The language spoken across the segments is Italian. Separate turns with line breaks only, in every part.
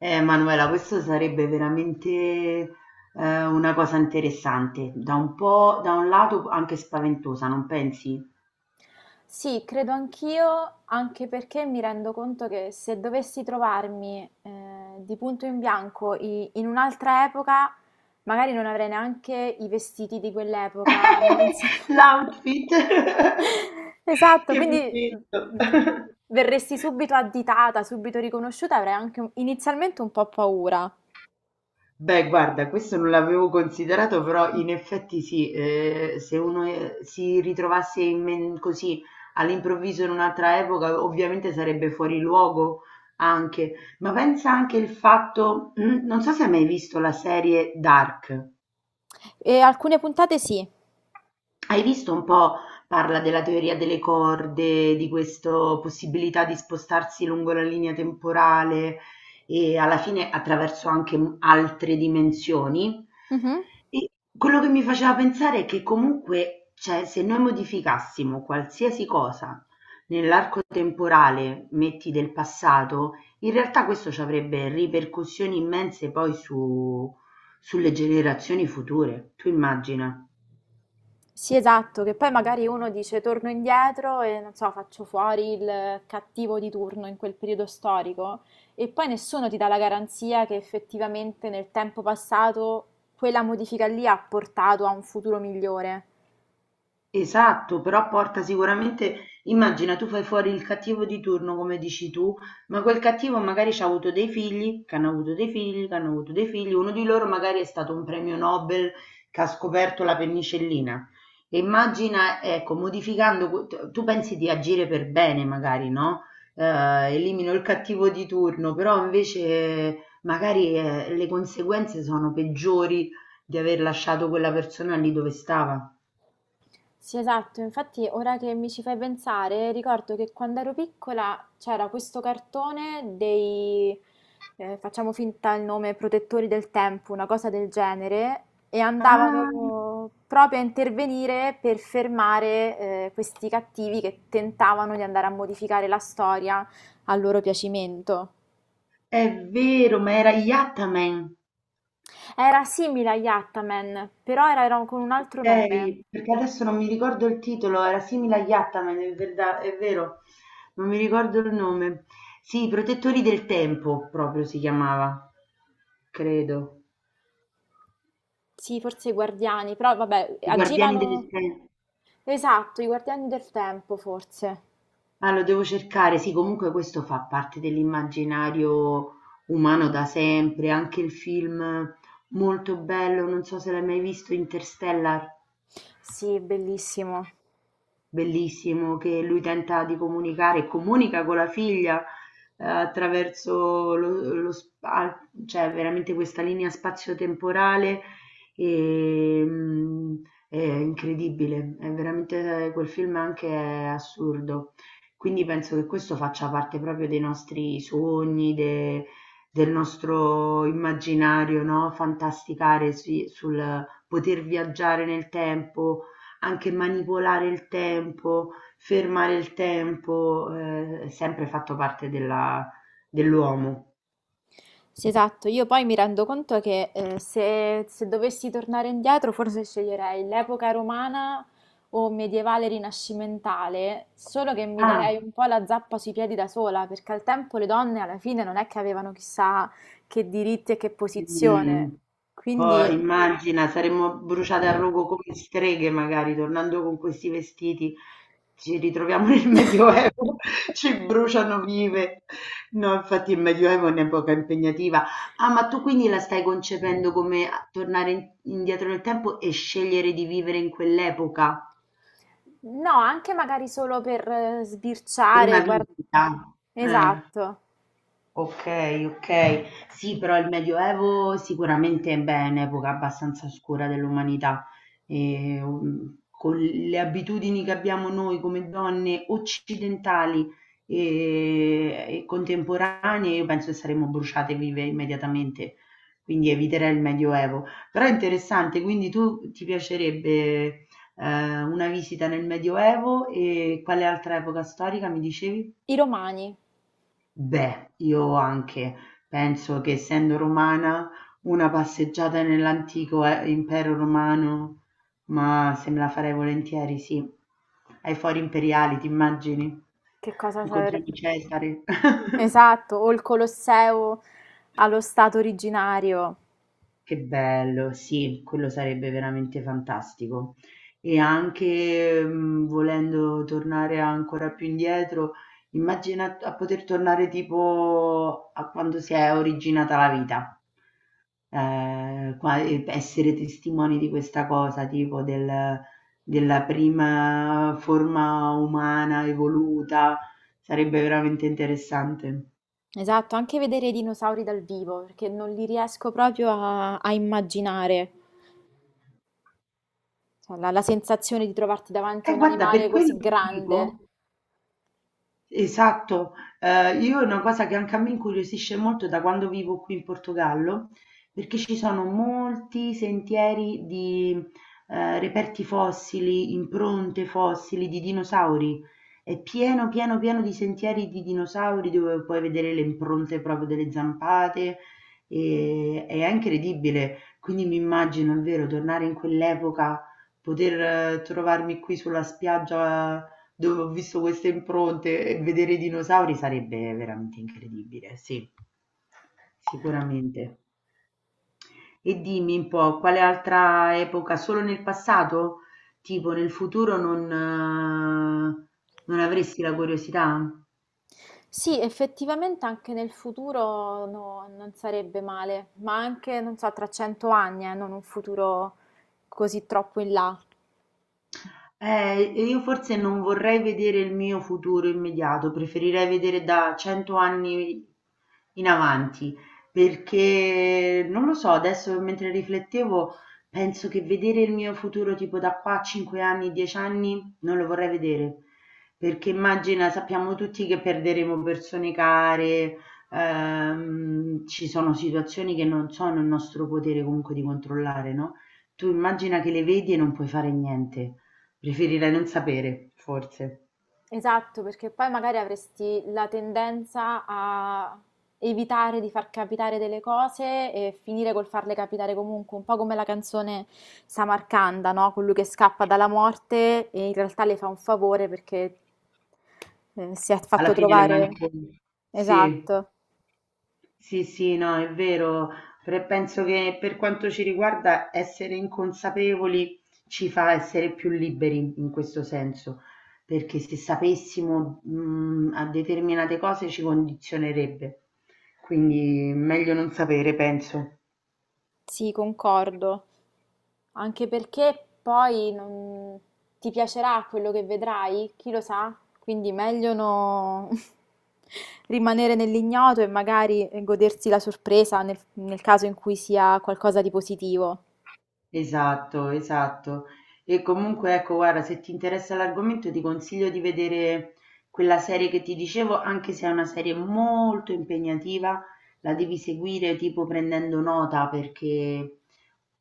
Manuela, questo sarebbe veramente una cosa interessante, da un lato anche spaventosa, non pensi?
Sì, credo anch'io, anche perché mi rendo conto che se dovessi trovarmi di punto in bianco in un'altra epoca, magari non avrei neanche i vestiti di quell'epoca, non so.
L'outfit
Esatto,
che mi
quindi
metto.
mm, verresti subito additata, subito riconosciuta, avrei anche inizialmente un po' paura.
Beh, guarda, questo non l'avevo considerato, però in effetti sì, se uno si ritrovasse così all'improvviso in un'altra epoca, ovviamente sarebbe fuori luogo anche. Ma pensa anche il fatto, non so se hai mai visto la serie Dark.
E alcune puntate sì.
Hai visto un po', parla della teoria delle corde, di questa possibilità di spostarsi lungo la linea temporale e alla fine attraverso altre dimensioni.
Mhm.
E quello che mi faceva pensare è che comunque, cioè, se noi modificassimo qualsiasi cosa nell'arco temporale, metti del passato, in realtà questo ci avrebbe ripercussioni immense sulle generazioni future. Tu immagina.
Sì, esatto, che poi magari uno dice torno indietro e non so, faccio fuori il cattivo di turno in quel periodo storico e poi nessuno ti dà la garanzia che effettivamente nel tempo passato quella modifica lì ha portato a un futuro migliore.
Esatto, però porta sicuramente, immagina tu fai fuori il cattivo di turno come dici tu, ma quel cattivo magari ci ha avuto dei figli, che hanno avuto dei figli, che hanno avuto dei figli, uno di loro magari è stato un premio Nobel che ha scoperto la penicillina. E immagina, ecco, tu pensi di agire per bene magari, no? Elimino il cattivo di turno, però invece magari le conseguenze sono peggiori di aver lasciato quella persona lì dove stava.
Sì, esatto, infatti ora che mi ci fai pensare, ricordo che quando ero piccola c'era questo cartone dei, facciamo finta il nome, protettori del tempo, una cosa del genere, e
Ah,
andavano proprio a intervenire per fermare, questi cattivi che tentavano di andare a modificare la storia a loro piacimento.
è vero, ma era Yattaman,
Era simile agli Ataman, però era con un altro nome.
okay, perché adesso non mi ricordo il titolo, era simile a Yattaman, è vero, non mi ricordo il nome. Sì, i protettori del tempo proprio si chiamava, credo.
Sì, forse i Guardiani, però vabbè,
I guardiani del
agivano...
tempo.
Esatto, I Guardiani del Tempo, forse.
Ah, lo devo cercare. Sì, comunque questo fa parte dell'immaginario umano da sempre, anche il film molto bello, non so se l'hai mai visto, Interstellar.
Sì, bellissimo.
Bellissimo che lui tenta di comunicare e comunica con la figlia attraverso cioè veramente questa linea spazio-temporale e, mm, è incredibile, è veramente quel film anche è assurdo. Quindi penso che questo faccia parte proprio dei nostri sogni, del nostro immaginario, no? Fantasticare sul poter viaggiare nel tempo anche manipolare il tempo, fermare il tempo, è sempre fatto parte della dell'uomo.
Sì, esatto. Io poi mi rendo conto che se dovessi tornare indietro, forse sceglierei l'epoca romana o medievale rinascimentale, solo che mi darei
Ah.
un po' la zappa sui piedi da sola, perché al tempo le donne alla fine non è che avevano chissà che diritti e che
Mh.
posizione.
Poi
Quindi...
immagina saremmo bruciate al rogo come streghe magari, tornando con questi vestiti, ci ritroviamo nel Medioevo, ci bruciano vive. No, infatti il Medioevo è un'epoca impegnativa. Ah, ma tu quindi la stai concependo come a tornare in indietro nel tempo e scegliere di vivere in quell'epoca?
No, anche magari solo per
Per una
sbirciare, guardare.
visita. Eh,
Esatto,
okay, okay. Sì, però il Medioevo sicuramente, beh, è un'epoca abbastanza oscura dell'umanità con le abitudini che abbiamo noi come donne occidentali, ehm, e contemporanee, io penso che saremmo bruciate vive immediatamente, quindi eviterei il Medioevo. Però è interessante, quindi tu ti piacerebbe, una visita nel Medioevo e quale altra epoca storica mi dicevi?
i romani,
Beh, io anche penso che essendo romana una passeggiata nell'antico impero romano, ma se me la farei volentieri, sì. Ai fori imperiali, ti immagini?
che cosa sarebbe?
Incontriamo Cesare.
Esatto, o il Colosseo allo stato originario.
Che bello, sì, quello sarebbe veramente fantastico. E anche volendo tornare ancora più indietro, immagina a poter tornare tipo a quando si è originata la vita, e essere testimoni di questa cosa, della prima forma umana evoluta, sarebbe veramente interessante.
Esatto, anche vedere i dinosauri dal vivo, perché non li riesco proprio a immaginare. Cioè, la sensazione di trovarti davanti
E
a un
guarda, per
animale
quello
così
ti
grande.
dico. Esatto, io è una cosa che anche a me incuriosisce molto da quando vivo qui in Portogallo, perché ci sono molti sentieri di, reperti fossili, impronte fossili di dinosauri. È pieno, pieno, pieno di sentieri di dinosauri dove puoi vedere le impronte proprio delle zampate e è incredibile. Quindi mi immagino, è vero, tornare in quell'epoca, poter trovarmi qui sulla spiaggia dove ho visto queste impronte e vedere i dinosauri sarebbe veramente incredibile, sì. Sicuramente. E dimmi un po', quale altra epoca? Solo nel passato? Tipo nel futuro non avresti la curiosità?
Sì, effettivamente anche nel futuro non sarebbe male, ma anche, non so, tra 100 anni, non un futuro così troppo in là.
E io forse non vorrei vedere il mio futuro immediato, preferirei vedere da 100 anni in avanti, perché non lo so, adesso mentre riflettevo penso che vedere il mio futuro tipo da qua a 5 anni, 10 anni, non lo vorrei vedere, perché immagina, sappiamo tutti che perderemo persone care, ci sono situazioni che non sono il nostro potere comunque di controllare, no? Tu immagina che le vedi e non puoi fare niente. Preferirei non sapere, forse.
Esatto, perché poi magari avresti la tendenza a evitare di far capitare delle cose e finire col farle capitare comunque, un po' come la canzone Samarcanda, no? Colui che scappa dalla morte e in realtà le fa un favore perché si è fatto alla
Alla
fine,
fine le
trovare...
manco
Sì,
sì,
esatto.
sì, no, è vero. Penso che per quanto ci riguarda essere inconsapevoli ci fa essere più liberi in questo senso, perché se sapessimo, a determinate cose ci condizionerebbe. Quindi meglio non sapere, penso.
Sì, concordo. Anche perché poi non... ti piacerà quello che vedrai, chi lo sa? Quindi meglio no... rimanere nell'ignoto e magari godersi la sorpresa nel caso in cui sia qualcosa di positivo.
Esatto, esatto. E comunque ecco, guarda, se ti interessa l'argomento ti consiglio di vedere quella serie che ti dicevo, anche se è una serie molto impegnativa, la devi seguire tipo prendendo nota perché,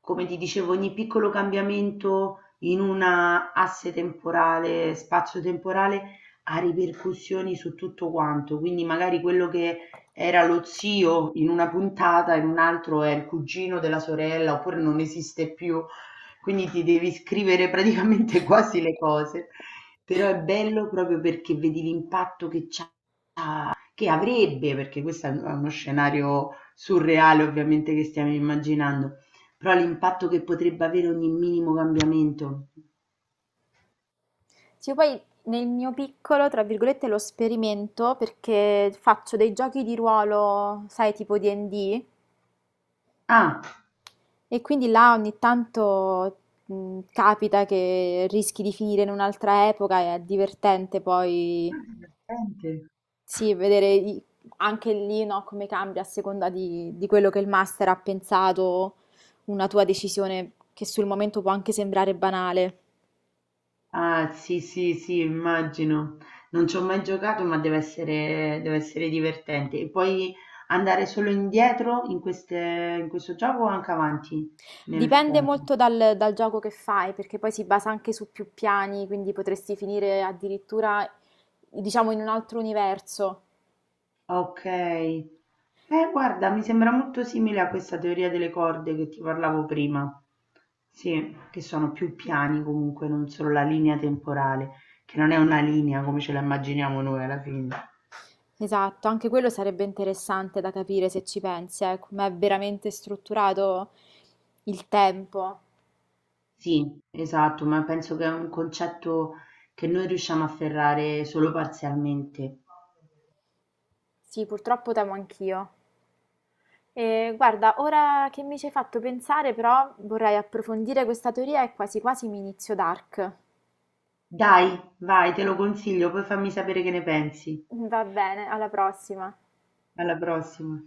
come ti dicevo, ogni piccolo cambiamento in una asse temporale, spazio-temporale, ha ripercussioni su tutto quanto. Quindi magari quello che era lo zio in una puntata, in un altro è il cugino della sorella, oppure non esiste più, quindi ti devi scrivere praticamente quasi le cose. Però è bello proprio perché vedi l'impatto che c'ha, che avrebbe, perché questo è uno scenario surreale ovviamente che stiamo immaginando, però l'impatto che potrebbe avere ogni minimo cambiamento.
Sì, poi nel mio piccolo, tra virgolette, lo sperimento perché faccio dei giochi di ruolo, sai, tipo D&D.
Ah, ah,
E quindi là ogni tanto capita che rischi di finire in un'altra epoca e è divertente
è
poi
divertente.
sì, vedere anche lì no, come cambia a seconda di quello che il master ha pensato, una tua decisione che sul momento può anche sembrare banale.
Ah, sì, sì, sì, immagino. Non ci ho mai giocato, ma deve essere divertente. E puoi andare solo indietro in queste, in questo gioco o anche avanti nel
Dipende
tempo?
molto dal gioco che fai, perché poi si basa anche su più piani, quindi potresti finire addirittura, diciamo, in un altro universo.
Ok. Guarda, mi sembra molto simile a questa teoria delle corde che ti parlavo prima. Sì, che sono più piani comunque, non solo la linea temporale, che non è una linea come ce la immaginiamo noi alla fine.
Esatto, anche quello sarebbe interessante da capire se ci pensi, come è veramente strutturato il tempo.
Sì, esatto, ma penso che è un concetto che noi riusciamo a afferrare solo parzialmente.
Sì, purtroppo temo anch'io. E guarda, ora che mi ci hai fatto pensare, però vorrei approfondire questa teoria e quasi quasi mi inizio Dark.
Dai, vai, te lo consiglio, poi fammi sapere che ne pensi.
Va bene, alla prossima.
Alla prossima.